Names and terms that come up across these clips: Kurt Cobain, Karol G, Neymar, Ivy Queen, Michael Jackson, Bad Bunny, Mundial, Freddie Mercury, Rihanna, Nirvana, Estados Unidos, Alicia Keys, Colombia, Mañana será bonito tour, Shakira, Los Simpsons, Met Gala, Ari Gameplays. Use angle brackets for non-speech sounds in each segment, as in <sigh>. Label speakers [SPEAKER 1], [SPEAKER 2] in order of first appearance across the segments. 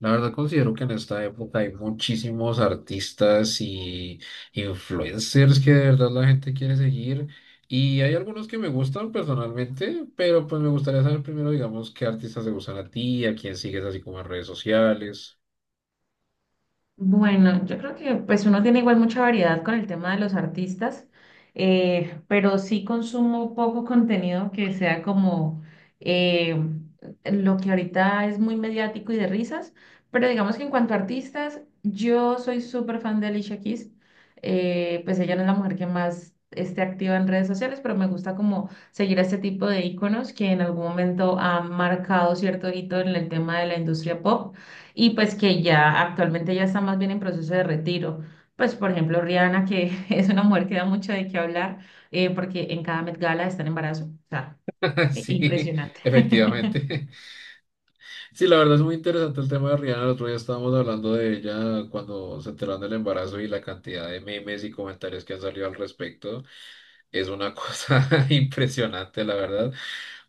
[SPEAKER 1] La verdad considero que en esta época hay muchísimos artistas y influencers que de verdad la gente quiere seguir y hay algunos que me gustan personalmente, pero pues me gustaría saber primero, digamos, qué artistas te gustan a ti, a quién sigues así como en redes sociales.
[SPEAKER 2] Bueno, yo creo que pues uno tiene igual mucha variedad con el tema de los artistas, pero sí consumo poco contenido que sea como eh, lo que ahorita es muy mediático y de risas, pero digamos que en cuanto a artistas, yo soy súper fan de Alicia Keys. Pues ella no es la mujer que más esté activa en redes sociales, pero me gusta como seguir a este tipo de íconos que en algún momento han marcado cierto hito en el tema de la industria pop y pues que ya actualmente ya está más bien en proceso de retiro. Pues por ejemplo Rihanna, que <laughs> es una mujer que da mucho de qué hablar, porque en cada Met Gala está en embarazo. O sea,
[SPEAKER 1] <laughs> Sí,
[SPEAKER 2] impresionante.
[SPEAKER 1] efectivamente. Sí, la verdad es muy interesante el tema de Rihanna. El otro día estábamos hablando de ella cuando se enteraron del embarazo y la cantidad de memes y comentarios que han salido al respecto. Es una cosa <laughs> impresionante, la verdad.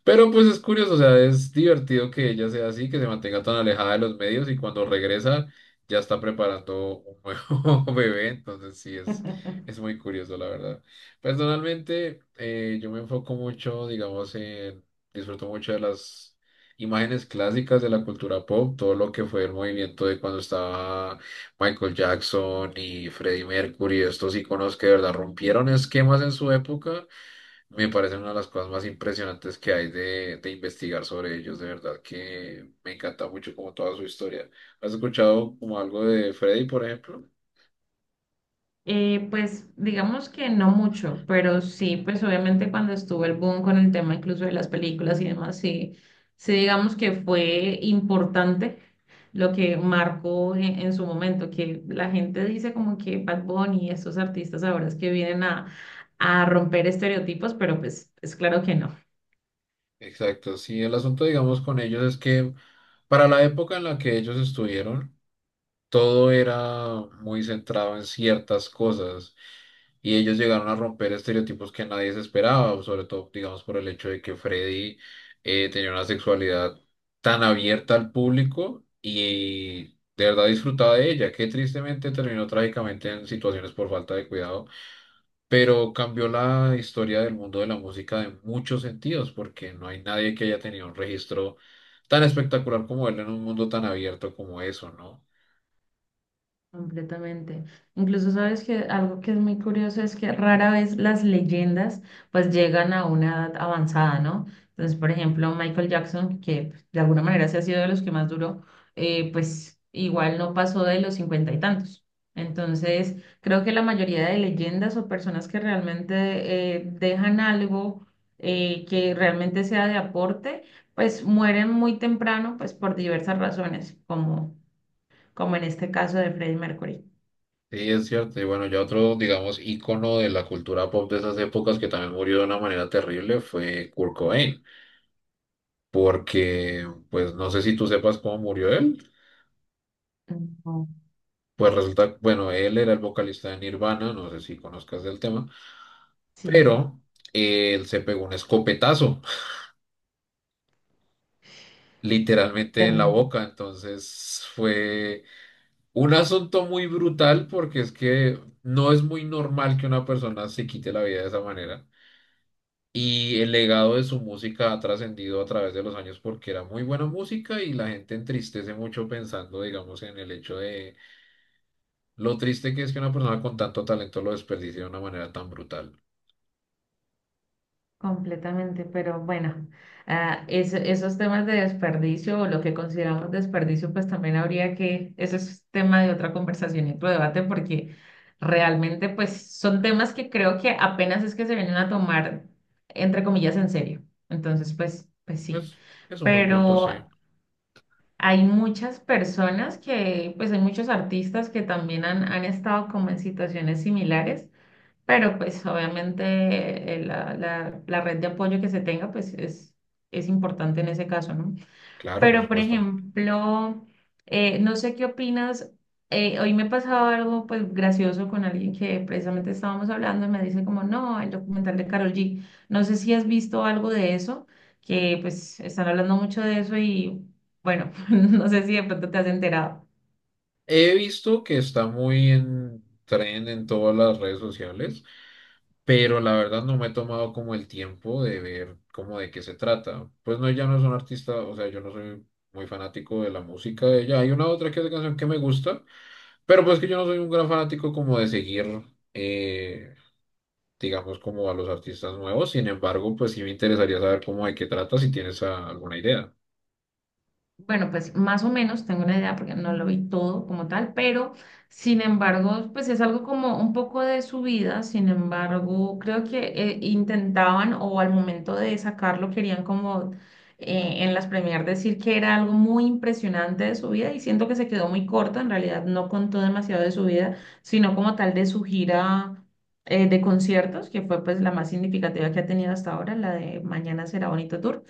[SPEAKER 1] Pero pues es curioso, o sea, es divertido que ella sea así, que se mantenga tan alejada de los medios y cuando regresa ya está preparando un nuevo <laughs> bebé, entonces sí, es
[SPEAKER 2] <laughs>
[SPEAKER 1] muy curioso, la verdad. Personalmente, yo me enfoco mucho, digamos, disfruto mucho de las imágenes clásicas de la cultura pop, todo lo que fue el movimiento de cuando estaba Michael Jackson y Freddie Mercury, estos iconos que de verdad rompieron esquemas en su época, me parecen una de las cosas más impresionantes que hay de investigar sobre ellos. De verdad que me encanta mucho como toda su historia. ¿Has escuchado como algo de Freddie, por ejemplo?
[SPEAKER 2] Pues digamos que no mucho, pero sí, pues obviamente cuando estuvo el boom con el tema incluso de las películas y demás, sí, sí digamos que fue importante lo que marcó en su momento, que la gente dice como que Bad Bunny y estos artistas ahora es que vienen a romper estereotipos, pero pues es claro que no.
[SPEAKER 1] Exacto, sí, el asunto, digamos, con ellos es que para la época en la que ellos estuvieron, todo era muy centrado en ciertas cosas. Y ellos llegaron a romper estereotipos que nadie se esperaba, sobre todo, digamos, por el hecho de que Freddy tenía una sexualidad tan abierta al público y de verdad disfrutaba de ella, que tristemente terminó trágicamente en situaciones por falta de cuidado, pero cambió la historia del mundo de la música de muchos sentidos, porque no hay nadie que haya tenido un registro tan espectacular como él en un mundo tan abierto como eso, ¿no?
[SPEAKER 2] Completamente. Incluso sabes que algo que es muy curioso es que rara vez las leyendas pues llegan a una edad avanzada, ¿no? Entonces, por ejemplo, Michael Jackson, que pues, de alguna manera se ha sido de los que más duró, pues igual no pasó de los cincuenta y tantos. Entonces, creo que la mayoría de leyendas o personas que realmente dejan algo que realmente sea de aporte, pues mueren muy temprano, pues por diversas razones, como, como en este caso de Freddie Mercury.
[SPEAKER 1] Sí, es cierto. Y bueno, ya otro, digamos, ícono de la cultura pop de esas épocas que también murió de una manera terrible fue Kurt Cobain, porque, pues, no sé si tú sepas cómo murió él.
[SPEAKER 2] Ujú.
[SPEAKER 1] Pues resulta, bueno, él era el vocalista de Nirvana, no sé si conozcas el tema,
[SPEAKER 2] Sí,
[SPEAKER 1] pero él se pegó un escopetazo, <laughs> literalmente en la
[SPEAKER 2] terrible,
[SPEAKER 1] boca. Entonces fue un asunto muy brutal porque es que no es muy normal que una persona se quite la vida de esa manera. Y el legado de su música ha trascendido a través de los años porque era muy buena música y la gente entristece mucho pensando, digamos, en el hecho de lo triste que es que una persona con tanto talento lo desperdicie de una manera tan brutal.
[SPEAKER 2] completamente, pero bueno, ah, esos temas de desperdicio o lo que consideramos desperdicio, pues también habría que, eso es tema de otra conversación y otro debate, porque realmente pues son temas que creo que apenas es que se vienen a tomar, entre comillas, en serio. Entonces, pues, pues sí,
[SPEAKER 1] Es, es un buen punto, sí.
[SPEAKER 2] pero hay muchas personas que, pues hay muchos artistas que también han, han estado como en situaciones similares. Pero pues obviamente la, la red de apoyo que se tenga pues es importante en ese caso, ¿no?
[SPEAKER 1] Claro, por
[SPEAKER 2] Pero por
[SPEAKER 1] supuesto.
[SPEAKER 2] ejemplo, no sé qué opinas, hoy me pasaba algo pues gracioso con alguien que precisamente estábamos hablando y me dice como, no, el documental de Karol G, no sé si has visto algo de eso, que pues están hablando mucho de eso y bueno, <laughs> no sé si de pronto te has enterado.
[SPEAKER 1] He visto que está muy en tren en todas las redes sociales pero la verdad no me he tomado como el tiempo de ver como de qué se trata. Pues no, ella no es un artista, o sea, yo no soy muy fanático de la música de ella. Hay una otra que otra canción que me gusta, pero pues que yo no soy un gran fanático como de seguir, eh, digamos, como a los artistas nuevos. Sin embargo, pues sí me interesaría saber cómo de qué trata, si tienes alguna idea.
[SPEAKER 2] Bueno, pues más o menos tengo una idea porque no lo vi todo como tal, pero sin embargo, pues es algo como un poco de su vida. Sin embargo, creo que intentaban o al momento de sacarlo querían como en las premiers decir que era algo muy impresionante de su vida y siento que se quedó muy corta, en realidad no contó demasiado de su vida, sino como tal de su gira de conciertos, que fue pues la más significativa que ha tenido hasta ahora, la de Mañana será bonito tour.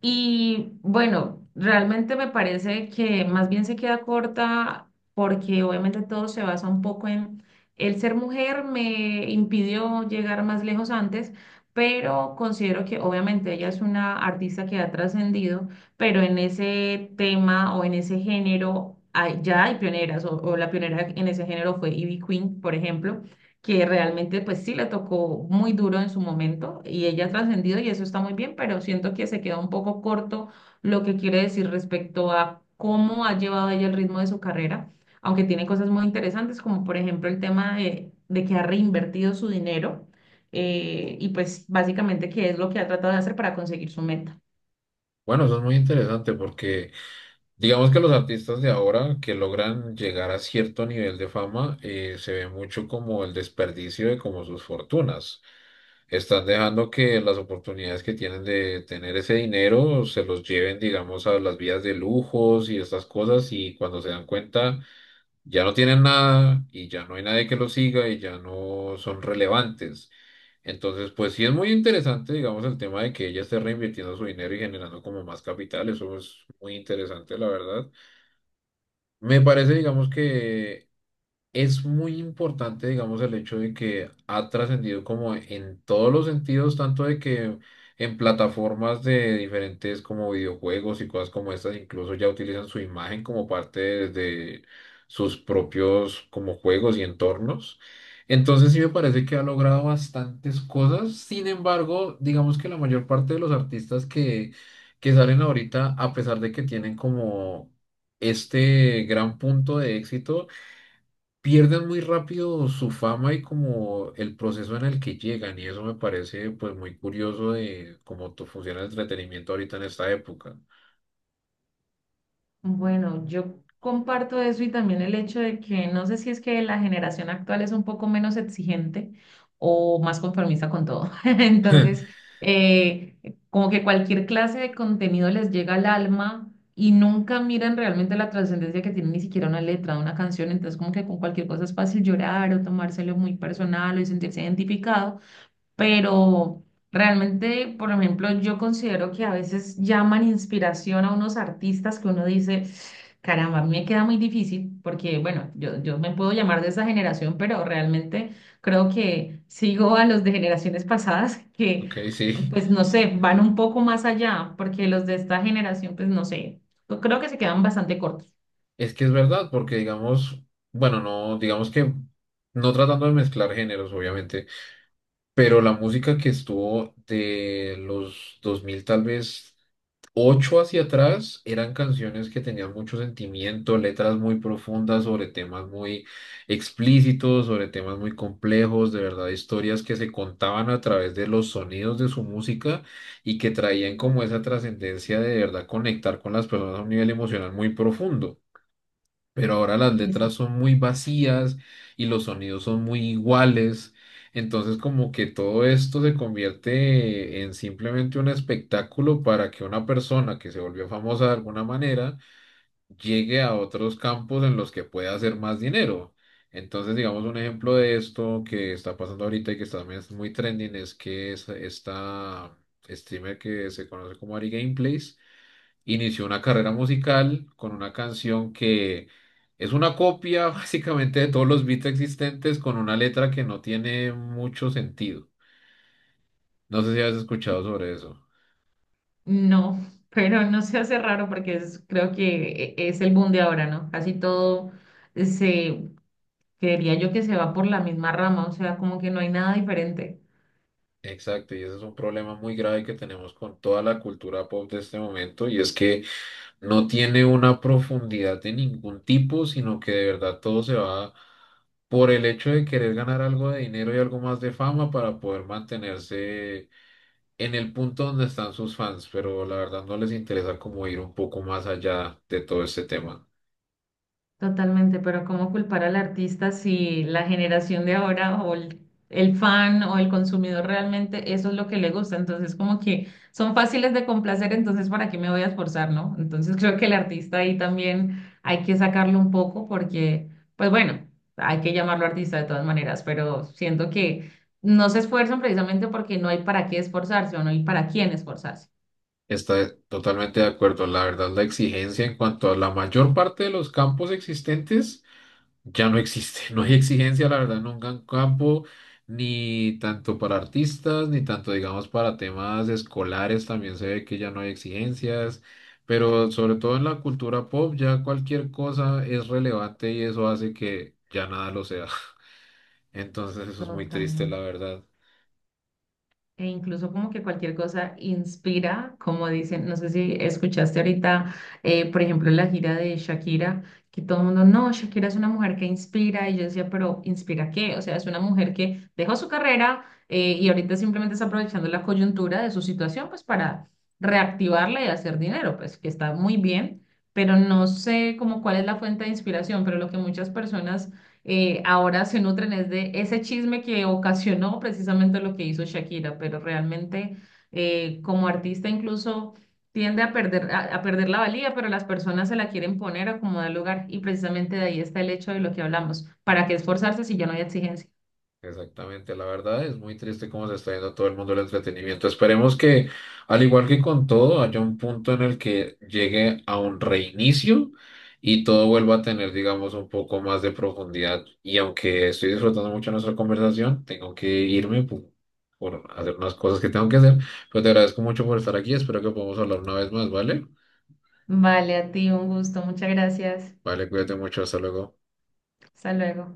[SPEAKER 2] Y bueno, realmente me parece que más bien se queda corta porque obviamente todo se basa un poco en el ser mujer me impidió llegar más lejos antes, pero considero que obviamente ella es una artista que ha trascendido, pero en ese tema o en ese género ya hay pioneras o la pionera en ese género fue Ivy Queen, por ejemplo, que realmente pues sí le tocó muy duro en su momento y ella ha trascendido y eso está muy bien, pero siento que se queda un poco corto lo que quiere decir respecto a cómo ha llevado ella el ritmo de su carrera, aunque tiene cosas muy interesantes como por ejemplo el tema de que ha reinvertido su dinero y pues básicamente qué es lo que ha tratado de hacer para conseguir su meta.
[SPEAKER 1] Bueno, eso es muy interesante porque… Digamos que los artistas de ahora que logran llegar a cierto nivel de fama se ve mucho como el desperdicio de como sus fortunas. Están dejando que las oportunidades que tienen de tener ese dinero se los lleven, digamos, a las vías de lujos y estas cosas y cuando se dan cuenta ya no tienen nada y ya no hay nadie que los siga y ya no son relevantes. Entonces, pues sí es muy interesante, digamos, el tema de que ella esté reinvirtiendo su dinero y generando como más capital. Eso es muy interesante, la verdad. Me parece, digamos que es muy importante, digamos, el hecho de que ha trascendido como en todos los sentidos, tanto de que en plataformas de diferentes como videojuegos y cosas como estas, incluso ya utilizan su imagen como parte de sus propios como juegos y entornos. Entonces sí me parece que ha logrado bastantes cosas. Sin embargo, digamos que la mayor parte de los artistas que salen ahorita, a pesar de que tienen como este gran punto de éxito, pierden muy rápido su fama y como el proceso en el que llegan y eso me parece pues muy curioso de cómo funciona el entretenimiento ahorita en esta época.
[SPEAKER 2] Bueno, yo comparto eso y también el hecho de que no sé si es que la generación actual es un poco menos exigente o más conformista con todo. <laughs> Entonces,
[SPEAKER 1] <laughs>
[SPEAKER 2] eh, como que cualquier clase de contenido les llega al alma y nunca miran realmente la trascendencia que tiene ni siquiera una letra de una canción. Entonces, como que con cualquier cosa es fácil llorar o tomárselo muy personal o sentirse identificado, pero... Realmente, por ejemplo, yo considero que a veces llaman inspiración a unos artistas que uno dice, caramba, a mí me queda muy difícil porque, bueno, yo me puedo llamar de esa generación, pero realmente creo que sigo a los de generaciones pasadas <laughs> que,
[SPEAKER 1] Ok, sí,
[SPEAKER 2] pues, no sé, van un poco más allá, porque los de esta generación, pues, no sé, yo creo que se quedan bastante cortos.
[SPEAKER 1] es que es verdad porque digamos, bueno, no, digamos que no tratando de mezclar géneros obviamente, pero la música que estuvo de los 2000 tal vez ocho hacia atrás eran canciones que tenían mucho sentimiento, letras muy profundas sobre temas muy explícitos, sobre temas muy complejos, de verdad, historias que se contaban a través de los sonidos de su música y que traían como esa trascendencia de verdad conectar con las personas a un nivel emocional muy profundo pero ahora las
[SPEAKER 2] Eso.
[SPEAKER 1] letras son muy vacías y los sonidos son muy iguales. Entonces como que todo esto se convierte en simplemente un espectáculo para que una persona que se volvió famosa de alguna manera llegue a otros campos en los que pueda hacer más dinero. Entonces, digamos, un ejemplo de esto que está pasando ahorita y que está- también es muy trending es que es esta streamer que se conoce como Ari Gameplays inició una carrera musical con una canción que es una copia <laughs> básicamente de todos los beats existentes con una letra que no tiene mucho sentido. No sé si has escuchado sobre eso.
[SPEAKER 2] No, <laughs> pero no se hace raro porque es, creo que es el boom de ahora, ¿no? Casi todo se, creería yo que se va por la misma rama, o sea, como que no hay nada diferente.
[SPEAKER 1] Exacto, y ese es un problema muy grave que tenemos con toda la cultura pop de este momento, y es que no tiene una profundidad de ningún tipo, sino que de verdad todo se va por el hecho de querer ganar algo de dinero y algo más de fama para poder mantenerse en el punto donde están sus fans, pero la verdad no les interesa como ir un poco más allá de todo este tema.
[SPEAKER 2] Totalmente, pero ¿cómo culpar al artista si la generación de ahora o el fan o el consumidor realmente eso es lo que le gusta? Entonces, como que son fáciles de complacer, entonces ¿para qué me voy a esforzar, no? Entonces, <laughs> creo que el artista ahí también hay que sacarlo un poco porque, pues bueno, hay que llamarlo artista de todas maneras, pero siento que no se esfuerzan precisamente porque no hay para qué esforzarse o no hay para quién esforzarse.
[SPEAKER 1] Está totalmente de acuerdo. La verdad, la exigencia en cuanto a la mayor parte de los campos existentes ya no existe. <laughs> No hay exigencia, la verdad, en un gran campo, ni tanto para artistas, ni tanto, digamos, para temas escolares. También se ve que ya no hay exigencias. Pero sobre todo en la cultura pop, ya cualquier cosa es relevante y eso hace que ya nada lo sea. <laughs> Entonces eso es muy triste,
[SPEAKER 2] Totalmente.
[SPEAKER 1] la verdad.
[SPEAKER 2] E incluso como que cualquier cosa inspira, como dicen, no sé si escuchaste ahorita, por ejemplo, la gira de Shakira, que todo el mundo, no, Shakira es una mujer que inspira, y yo decía, pero ¿inspira qué? O sea, es una mujer que dejó su carrera y ahorita simplemente está aprovechando la coyuntura de su situación, pues para reactivarla y hacer dinero, pues que está muy bien, pero no sé como cuál es la fuente de inspiración, pero lo que muchas personas ahora se nutren es de ese chisme que ocasionó precisamente lo que hizo Shakira, pero realmente como artista incluso tiende a perder la valía, pero las personas se la quieren poner a como da lugar y precisamente de ahí está el hecho de lo que hablamos. ¿Para qué esforzarse si ya no hay exigencia?
[SPEAKER 1] Exactamente, la verdad es muy triste cómo se está yendo todo el mundo del entretenimiento. Esperemos que, al igual que con todo, haya un punto en el que llegue a un reinicio y todo vuelva a tener, digamos, un poco más de profundidad. Y aunque estoy disfrutando mucho nuestra conversación, tengo que irme por hacer unas cosas que tengo que hacer. Pero te agradezco mucho por estar aquí. Espero que podamos hablar una vez más, ¿vale?
[SPEAKER 2] Vale, a ti un gusto, muchas gracias.
[SPEAKER 1] Vale, cuídate mucho. Hasta luego.
[SPEAKER 2] Hasta luego.